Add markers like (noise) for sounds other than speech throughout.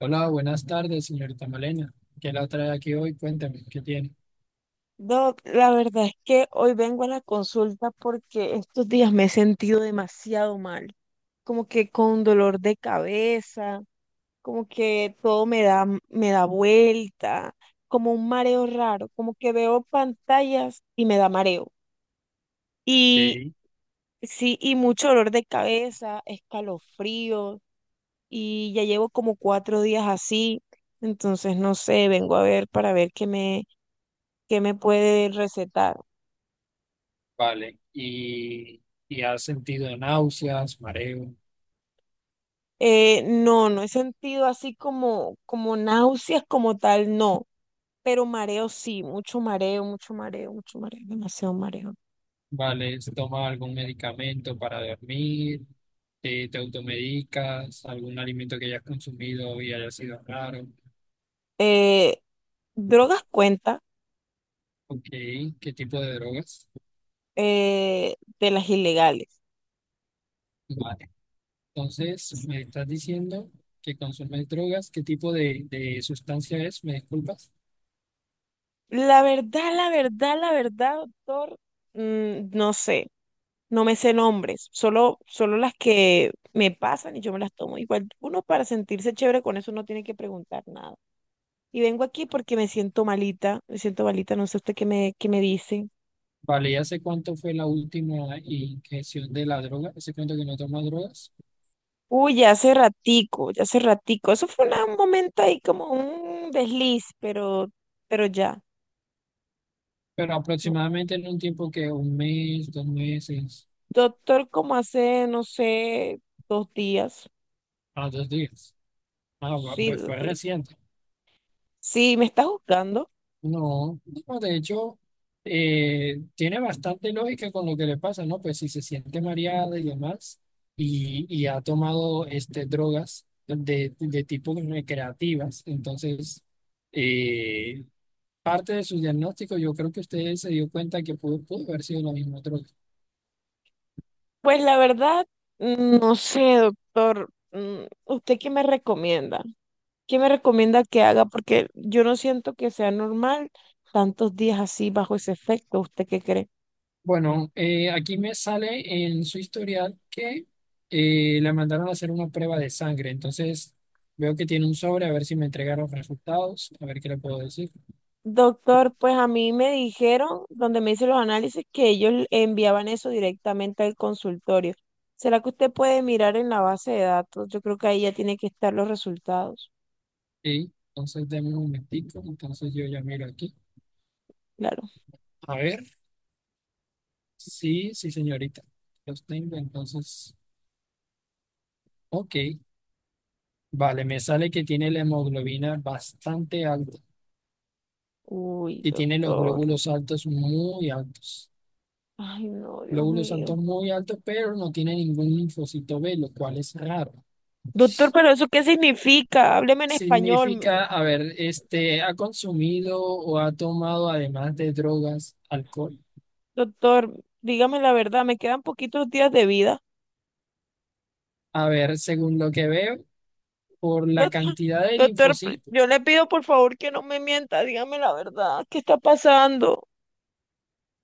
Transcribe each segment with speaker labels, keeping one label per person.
Speaker 1: Hola, buenas tardes, señorita Malena. ¿Qué la trae aquí hoy? Cuéntame, ¿qué tiene?
Speaker 2: Doc, la verdad es que hoy vengo a la consulta porque estos días me he sentido demasiado mal, como que con dolor de cabeza, como que todo me da vuelta, como un mareo raro, como que veo pantallas y me da mareo. Y
Speaker 1: Ok.
Speaker 2: sí, y mucho dolor de cabeza, escalofrío, y ya llevo como 4 días así, entonces no sé, vengo a ver para ver qué me puede recetar.
Speaker 1: Vale, y has sentido náuseas, mareo.
Speaker 2: No, no he sentido así como náuseas como tal, no, pero mareo sí, mucho mareo, mucho mareo, mucho mareo, demasiado mareo.
Speaker 1: Vale, ¿toma algún medicamento para dormir? ¿Te automedicas? ¿Algún alimento que hayas consumido y haya sido raro?
Speaker 2: Eh, Drogas cuenta
Speaker 1: Ok, ¿qué tipo de drogas?
Speaker 2: de las ilegales.
Speaker 1: Vale, entonces me estás diciendo que consumes drogas, ¿qué tipo de sustancia es? ¿Me disculpas?
Speaker 2: La verdad, doctor, no sé, no me sé nombres, solo las que me pasan y yo me las tomo igual. Uno para sentirse chévere con eso no tiene que preguntar nada. Y vengo aquí porque me siento malita, no sé usted qué me dice.
Speaker 1: Vale, ya sé cuánto fue la última inyección de la droga, ese cuento que no toma drogas,
Speaker 2: Uy, ya hace ratico, ya hace ratico. Eso fue un momento ahí como un desliz, pero ya,
Speaker 1: pero
Speaker 2: no.
Speaker 1: aproximadamente en un tiempo que un mes, dos meses,
Speaker 2: Doctor, como hace, no sé, 2 días.
Speaker 1: a dos días.
Speaker 2: Sí,
Speaker 1: Pues
Speaker 2: dos
Speaker 1: fue
Speaker 2: días.
Speaker 1: reciente.
Speaker 2: Sí, me está juzgando.
Speaker 1: No, no, de hecho, tiene bastante lógica con lo que le pasa, ¿no? Pues si se siente mareada y demás, y ha tomado este, drogas de tipo recreativas, entonces eh, parte de su diagnóstico, yo creo que usted se dio cuenta que pudo haber sido la misma droga.
Speaker 2: Pues la verdad, no sé, doctor. ¿Usted qué me recomienda? ¿Qué me recomienda que haga? Porque yo no siento que sea normal tantos días así bajo ese efecto. ¿Usted qué cree?
Speaker 1: Bueno, aquí me sale en su historial que le mandaron a hacer una prueba de sangre. Entonces, veo que tiene un sobre, a ver si me entregaron los resultados, a ver qué le puedo decir.
Speaker 2: Doctor, pues a mí me dijeron, donde me hice los análisis, que ellos enviaban eso directamente al consultorio. ¿Será que usted puede mirar en la base de datos? Yo creo que ahí ya tiene que estar los resultados.
Speaker 1: Sí, entonces, denme un momentico. Entonces, yo ya miro aquí.
Speaker 2: Claro.
Speaker 1: A ver, sí, sí, señorita. Los tengo, entonces, ok. Vale, me sale que tiene la hemoglobina bastante alta
Speaker 2: Uy,
Speaker 1: y tiene los
Speaker 2: doctor.
Speaker 1: glóbulos altos muy altos.
Speaker 2: Ay, no, Dios
Speaker 1: Glóbulos
Speaker 2: mío.
Speaker 1: santos muy altos, pero no tiene ningún linfocito B, lo cual es raro.
Speaker 2: Doctor, pero ¿eso qué significa? Hábleme en español.
Speaker 1: Significa, a ver, este, ha consumido o ha tomado, además de drogas, alcohol.
Speaker 2: Doctor, dígame la verdad, me quedan poquitos días de vida.
Speaker 1: A ver, según lo que veo, por la
Speaker 2: (laughs)
Speaker 1: cantidad de
Speaker 2: Doctor,
Speaker 1: linfocitos,
Speaker 2: yo le pido por favor que no me mienta, dígame la verdad. ¿Qué está pasando?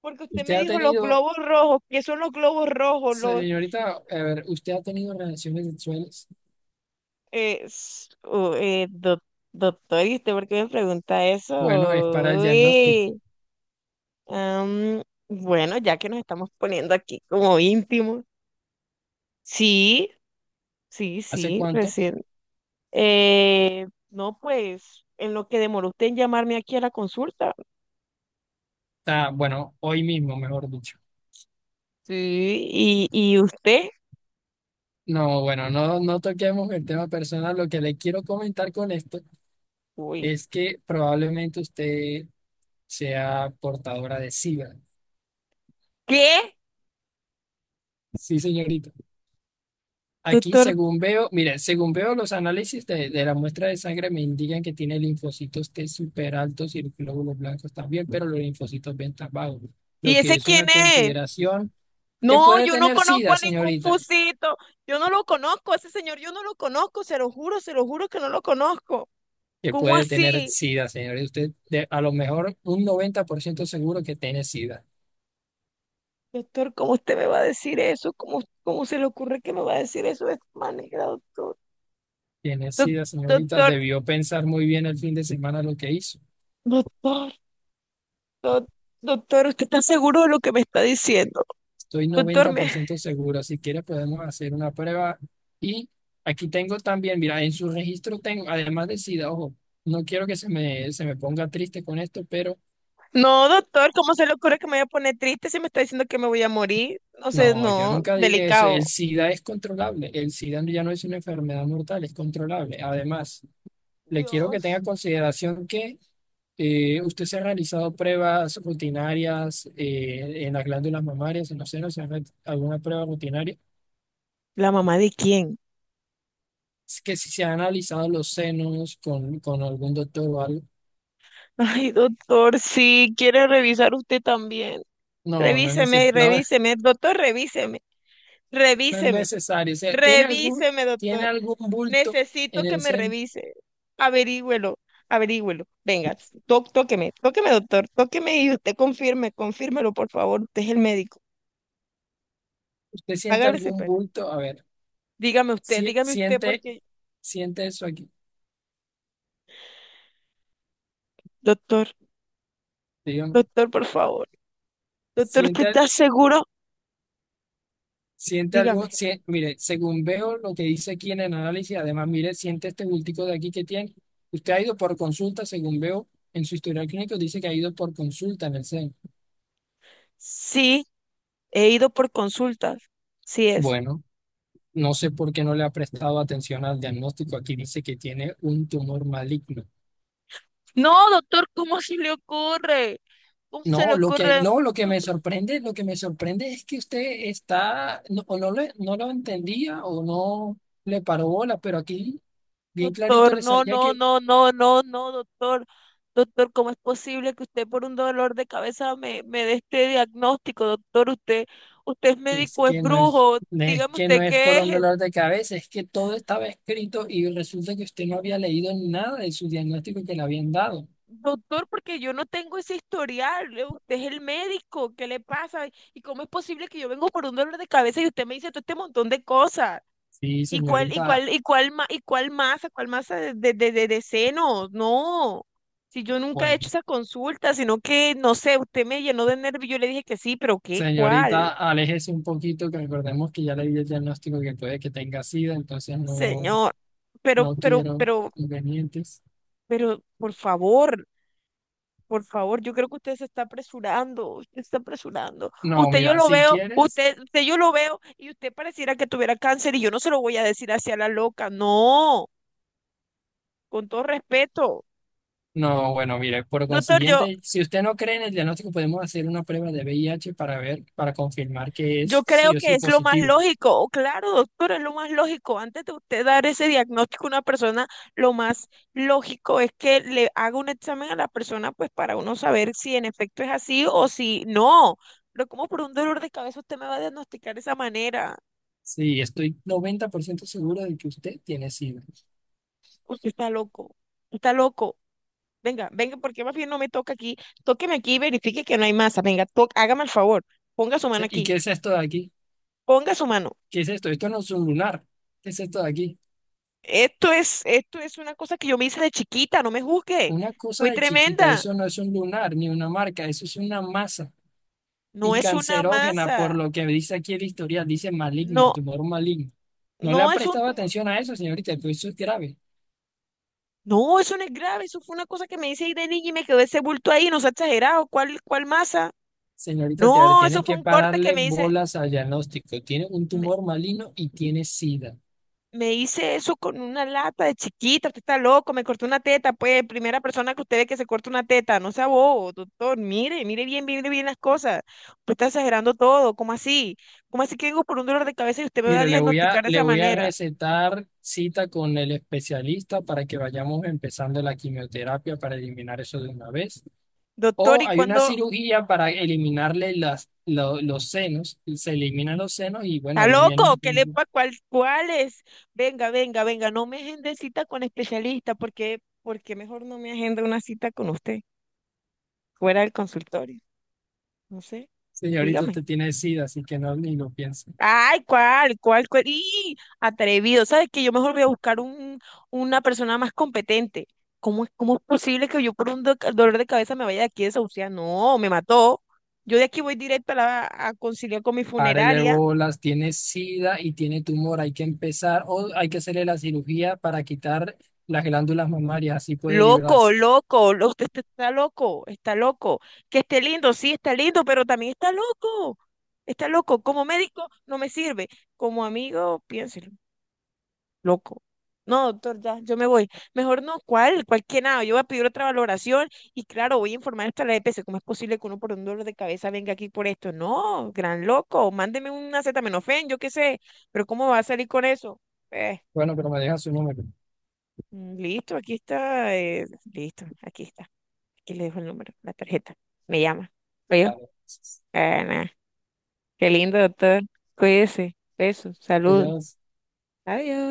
Speaker 2: Porque usted
Speaker 1: usted
Speaker 2: me
Speaker 1: ha
Speaker 2: dijo los
Speaker 1: tenido,
Speaker 2: globos rojos, ¿qué son los globos rojos? Los,
Speaker 1: señorita, a ver, usted ha tenido relaciones sexuales.
Speaker 2: s- u- doc- Doctor, ¿y usted por qué me pregunta eso?
Speaker 1: Bueno, es para el diagnóstico.
Speaker 2: Uy, bueno, ya que nos estamos poniendo aquí como íntimos. Sí,
Speaker 1: ¿Hace
Speaker 2: sí,
Speaker 1: cuánto?
Speaker 2: recién. No, pues, en lo que demoró usted en llamarme aquí a la consulta.
Speaker 1: Ah, bueno, hoy mismo, mejor dicho.
Speaker 2: Sí, y usted,
Speaker 1: No, bueno, no toquemos el tema personal. Lo que le quiero comentar con esto
Speaker 2: uy,
Speaker 1: es que probablemente usted sea portadora de SIDA.
Speaker 2: ¿qué?
Speaker 1: Sí, señorita. Aquí,
Speaker 2: Doctor,
Speaker 1: según veo, mire, según veo los análisis de la muestra de sangre me indican que tiene linfocitos T súper altos y glóbulos blancos también, pero los linfocitos B están bajos,
Speaker 2: ¿y
Speaker 1: lo que
Speaker 2: ese
Speaker 1: es
Speaker 2: quién
Speaker 1: una
Speaker 2: es?
Speaker 1: consideración que
Speaker 2: No,
Speaker 1: puede
Speaker 2: yo no
Speaker 1: tener
Speaker 2: conozco
Speaker 1: SIDA,
Speaker 2: a ningún
Speaker 1: señorita.
Speaker 2: fusito. Yo no lo conozco, a ese señor, yo no lo conozco, se lo juro que no lo conozco.
Speaker 1: Que
Speaker 2: ¿Cómo
Speaker 1: puede tener
Speaker 2: así?
Speaker 1: SIDA, señorita. A lo mejor un 90% seguro que tiene SIDA.
Speaker 2: Doctor, ¿cómo usted me va a decir eso? ¿Cómo se le ocurre que me va a decir eso de esta manera, doctor?
Speaker 1: Tiene
Speaker 2: Doc-
Speaker 1: SIDA, señorita.
Speaker 2: doctor,
Speaker 1: Debió pensar muy bien el fin de semana lo que hizo.
Speaker 2: doctor, doc- Doctor, ¿usted está seguro de lo que me está diciendo?
Speaker 1: Estoy
Speaker 2: Doctor,
Speaker 1: noventa por
Speaker 2: me...
Speaker 1: ciento seguro. Si quieres, podemos hacer una prueba. Y aquí tengo también, mira, en su registro tengo, además de SIDA, ojo, no quiero que se me ponga triste con esto, pero
Speaker 2: No, doctor, ¿cómo se le ocurre que me voy a poner triste si me está diciendo que me voy a morir? No sé,
Speaker 1: no, yo
Speaker 2: no,
Speaker 1: nunca dije eso. El
Speaker 2: delicado.
Speaker 1: SIDA es controlable. El SIDA ya no es una enfermedad mortal, es controlable. Además, le quiero que tenga
Speaker 2: Dios.
Speaker 1: en consideración que usted se ha realizado pruebas rutinarias en las glándulas mamarias, en los senos, ¿se ha hecho alguna prueba rutinaria?
Speaker 2: ¿La mamá de quién?
Speaker 1: Que si se han analizado los senos con algún doctor o algo,
Speaker 2: Ay, doctor, sí, quiere revisar usted también.
Speaker 1: no es
Speaker 2: Revíseme y
Speaker 1: no,
Speaker 2: revíseme,
Speaker 1: (laughs)
Speaker 2: doctor, revíseme,
Speaker 1: no es
Speaker 2: revíseme,
Speaker 1: necesario. O sea,
Speaker 2: revíseme,
Speaker 1: ¿tiene
Speaker 2: doctor.
Speaker 1: algún bulto
Speaker 2: Necesito
Speaker 1: en
Speaker 2: que
Speaker 1: el
Speaker 2: me
Speaker 1: seno?
Speaker 2: revise. Averígüelo, averígüelo. Venga, tóqueme, tóqueme, doctor, tóqueme y usted confirme, confírmelo, por favor. Usted es el médico.
Speaker 1: ¿Usted siente
Speaker 2: Hágale sin
Speaker 1: algún
Speaker 2: pena.
Speaker 1: bulto? A ver, si,
Speaker 2: Dígame usted,
Speaker 1: siente,
Speaker 2: porque.
Speaker 1: siente eso aquí,
Speaker 2: Doctor,
Speaker 1: digamos.
Speaker 2: Doctor, por favor. Doctor, ¿usted
Speaker 1: Siente,
Speaker 2: está seguro?
Speaker 1: siente
Speaker 2: Dígame.
Speaker 1: algún, mire, según veo lo que dice aquí en el análisis, además, mire, siente este bultico de aquí que tiene. Usted ha ido por consulta, según veo en su historial clínico, dice que ha ido por consulta en el seno.
Speaker 2: Sí, he ido por consultas. Sí es.
Speaker 1: Bueno. No sé por qué no le ha prestado atención al diagnóstico. Aquí dice que tiene un tumor maligno.
Speaker 2: No, doctor, ¿cómo se le ocurre? ¿Cómo se le
Speaker 1: No, lo que,
Speaker 2: ocurre?
Speaker 1: no, lo que me sorprende, lo que me sorprende es que usted está, no, o no, no lo entendía o no le paró bola, pero aquí bien clarito
Speaker 2: Doctor,
Speaker 1: le salía que
Speaker 2: no, doctor. Doctor, ¿cómo es posible que usted por un dolor de cabeza me dé este diagnóstico, doctor? Usted es
Speaker 1: es
Speaker 2: médico, es
Speaker 1: que
Speaker 2: brujo.
Speaker 1: no es
Speaker 2: Dígame
Speaker 1: que no
Speaker 2: usted
Speaker 1: es por
Speaker 2: qué
Speaker 1: un
Speaker 2: es.
Speaker 1: dolor de cabeza, es que todo estaba escrito y resulta que usted no había leído nada de su diagnóstico que le habían dado.
Speaker 2: Doctor, porque yo no tengo ese historial. Usted es el médico. ¿Qué le pasa? ¿Y cómo es posible que yo vengo por un dolor de cabeza y usted me dice todo este montón de cosas?
Speaker 1: Sí,
Speaker 2: ¿Y cuál, y
Speaker 1: señorita,
Speaker 2: cuál, y cuál, ma- y cuál masa, cuál masa de senos? No, si yo nunca he hecho
Speaker 1: bueno.
Speaker 2: esa consulta, sino que, no sé, usted me llenó de nervio, yo le dije que sí, pero ¿qué? ¿Cuál?
Speaker 1: Señorita, aléjese un poquito, que recordemos que ya le di el diagnóstico que puede que tenga SIDA, entonces no,
Speaker 2: Señor, pero,
Speaker 1: no
Speaker 2: pero,
Speaker 1: quiero
Speaker 2: pero,
Speaker 1: inconvenientes.
Speaker 2: pero, por favor, yo creo que usted se está apresurando, usted se está apresurando.
Speaker 1: No,
Speaker 2: Usted yo
Speaker 1: mira,
Speaker 2: lo
Speaker 1: si
Speaker 2: veo,
Speaker 1: quieres,
Speaker 2: usted yo lo veo, y usted pareciera que tuviera cáncer, y yo no se lo voy a decir hacia la loca, no, con todo respeto.
Speaker 1: no, bueno, mire, por
Speaker 2: Doctor, yo,
Speaker 1: consiguiente, si usted no cree en el diagnóstico, podemos hacer una prueba de VIH para ver, para confirmar que
Speaker 2: Yo
Speaker 1: es
Speaker 2: creo
Speaker 1: sí o
Speaker 2: que
Speaker 1: sí
Speaker 2: es lo más
Speaker 1: positivo.
Speaker 2: lógico, o claro, doctor, es lo más lógico. Antes de usted dar ese diagnóstico a una persona, lo más lógico es que le haga un examen a la persona, pues para uno saber si en efecto es así o si no. ¿Pero como por un dolor de cabeza usted me va a diagnosticar de esa manera?
Speaker 1: Sí, estoy 90% seguro de que usted tiene SIDA.
Speaker 2: Usted está loco, está loco. Venga, venga, porque más bien no me toca aquí. Tóqueme aquí y verifique que no hay masa. Venga, hágame el favor, ponga su
Speaker 1: Sí,
Speaker 2: mano
Speaker 1: ¿y
Speaker 2: aquí,
Speaker 1: qué es esto de aquí?
Speaker 2: ponga su mano.
Speaker 1: ¿Qué es esto? Esto no es un lunar. ¿Qué es esto de aquí?
Speaker 2: Esto es una cosa que yo me hice de chiquita, no me juzgue.
Speaker 1: Una cosa
Speaker 2: Fui
Speaker 1: de chiquita,
Speaker 2: tremenda.
Speaker 1: eso no es un lunar ni una marca, eso es una masa
Speaker 2: No
Speaker 1: y
Speaker 2: es una
Speaker 1: cancerógena, por
Speaker 2: masa.
Speaker 1: lo que dice aquí el historial, dice maligno,
Speaker 2: No,
Speaker 1: tumor maligno. No le ha
Speaker 2: no es un
Speaker 1: prestado
Speaker 2: tumor.
Speaker 1: atención a eso, señorita, pero eso es grave.
Speaker 2: No, eso no es grave. Eso fue una cosa que me hice ahí de niña y me quedó ese bulto ahí. No se ha exagerado. ¿Cuál masa?
Speaker 1: Señorita, te ver,
Speaker 2: No,
Speaker 1: tiene
Speaker 2: eso fue
Speaker 1: que
Speaker 2: un corte que
Speaker 1: pararle
Speaker 2: me hice.
Speaker 1: bolas al diagnóstico. Tiene un tumor maligno y tiene SIDA.
Speaker 2: Me hice eso con una lata de chiquita, usted está loco, me cortó una teta, pues, primera persona que usted ve que se corta una teta, no sea bobo, doctor, mire, mire bien las cosas, usted está exagerando todo, ¿cómo así? ¿Cómo así que vengo por un dolor de cabeza y usted me va a
Speaker 1: Mire,
Speaker 2: diagnosticar de
Speaker 1: le
Speaker 2: esa
Speaker 1: voy a
Speaker 2: manera?
Speaker 1: recetar cita con el especialista para que vayamos empezando la quimioterapia para eliminar eso de una vez.
Speaker 2: Doctor,
Speaker 1: O
Speaker 2: ¿y
Speaker 1: hay una
Speaker 2: cuándo?
Speaker 1: cirugía para eliminarle los senos, se eliminan los senos y bueno,
Speaker 2: ¿Está
Speaker 1: ahí menos.
Speaker 2: loco? ¿Qué le pasa? ¿Cuál, cuáles? Venga, venga, no me agende cita con especialista, porque mejor no me agenda una cita con usted, fuera del consultorio, no sé,
Speaker 1: Señorito,
Speaker 2: dígame.
Speaker 1: usted tiene SIDA, así que no ni lo piense.
Speaker 2: Ay, ¿cuál? ¿Cuál? ¿Cuál? ¡Y atrevido! ¿Sabes qué? Yo mejor voy a buscar una persona más competente. ¿Cómo es posible que yo por un dolor de cabeza me vaya de aquí a desahuciar? No, me mató. Yo de aquí voy directo a, la- a conciliar con mi
Speaker 1: Párele
Speaker 2: funeraria.
Speaker 1: bolas, tiene SIDA y tiene tumor, hay que empezar o hay que hacerle la cirugía para quitar las glándulas mamarias, así puede
Speaker 2: Loco,
Speaker 1: librarse.
Speaker 2: loco, lo- usted está loco, está loco. Que esté lindo, sí, está lindo, pero también está loco. Está loco. Como médico no me sirve. Como amigo, piénselo. Loco. No, doctor, ya, yo me voy. Mejor no, ¿cuál? ¿Cuál que nada? Yo voy a pedir otra valoración y claro, voy a informar hasta la EPS. ¿Cómo es posible que uno por un dolor de cabeza venga aquí por esto? No, gran loco, mándeme un acetaminofén, yo qué sé, pero ¿cómo va a salir con eso? Eh,
Speaker 1: Bueno, pero me deja su número.
Speaker 2: Listo, aquí está, listo, aquí está. Aquí le dejo el número, la tarjeta. Me llama. ¿Oye?
Speaker 1: Vale,
Speaker 2: Ah, nah. Qué lindo, doctor. Cuídese. Besos, saludos.
Speaker 1: adiós.
Speaker 2: Adiós.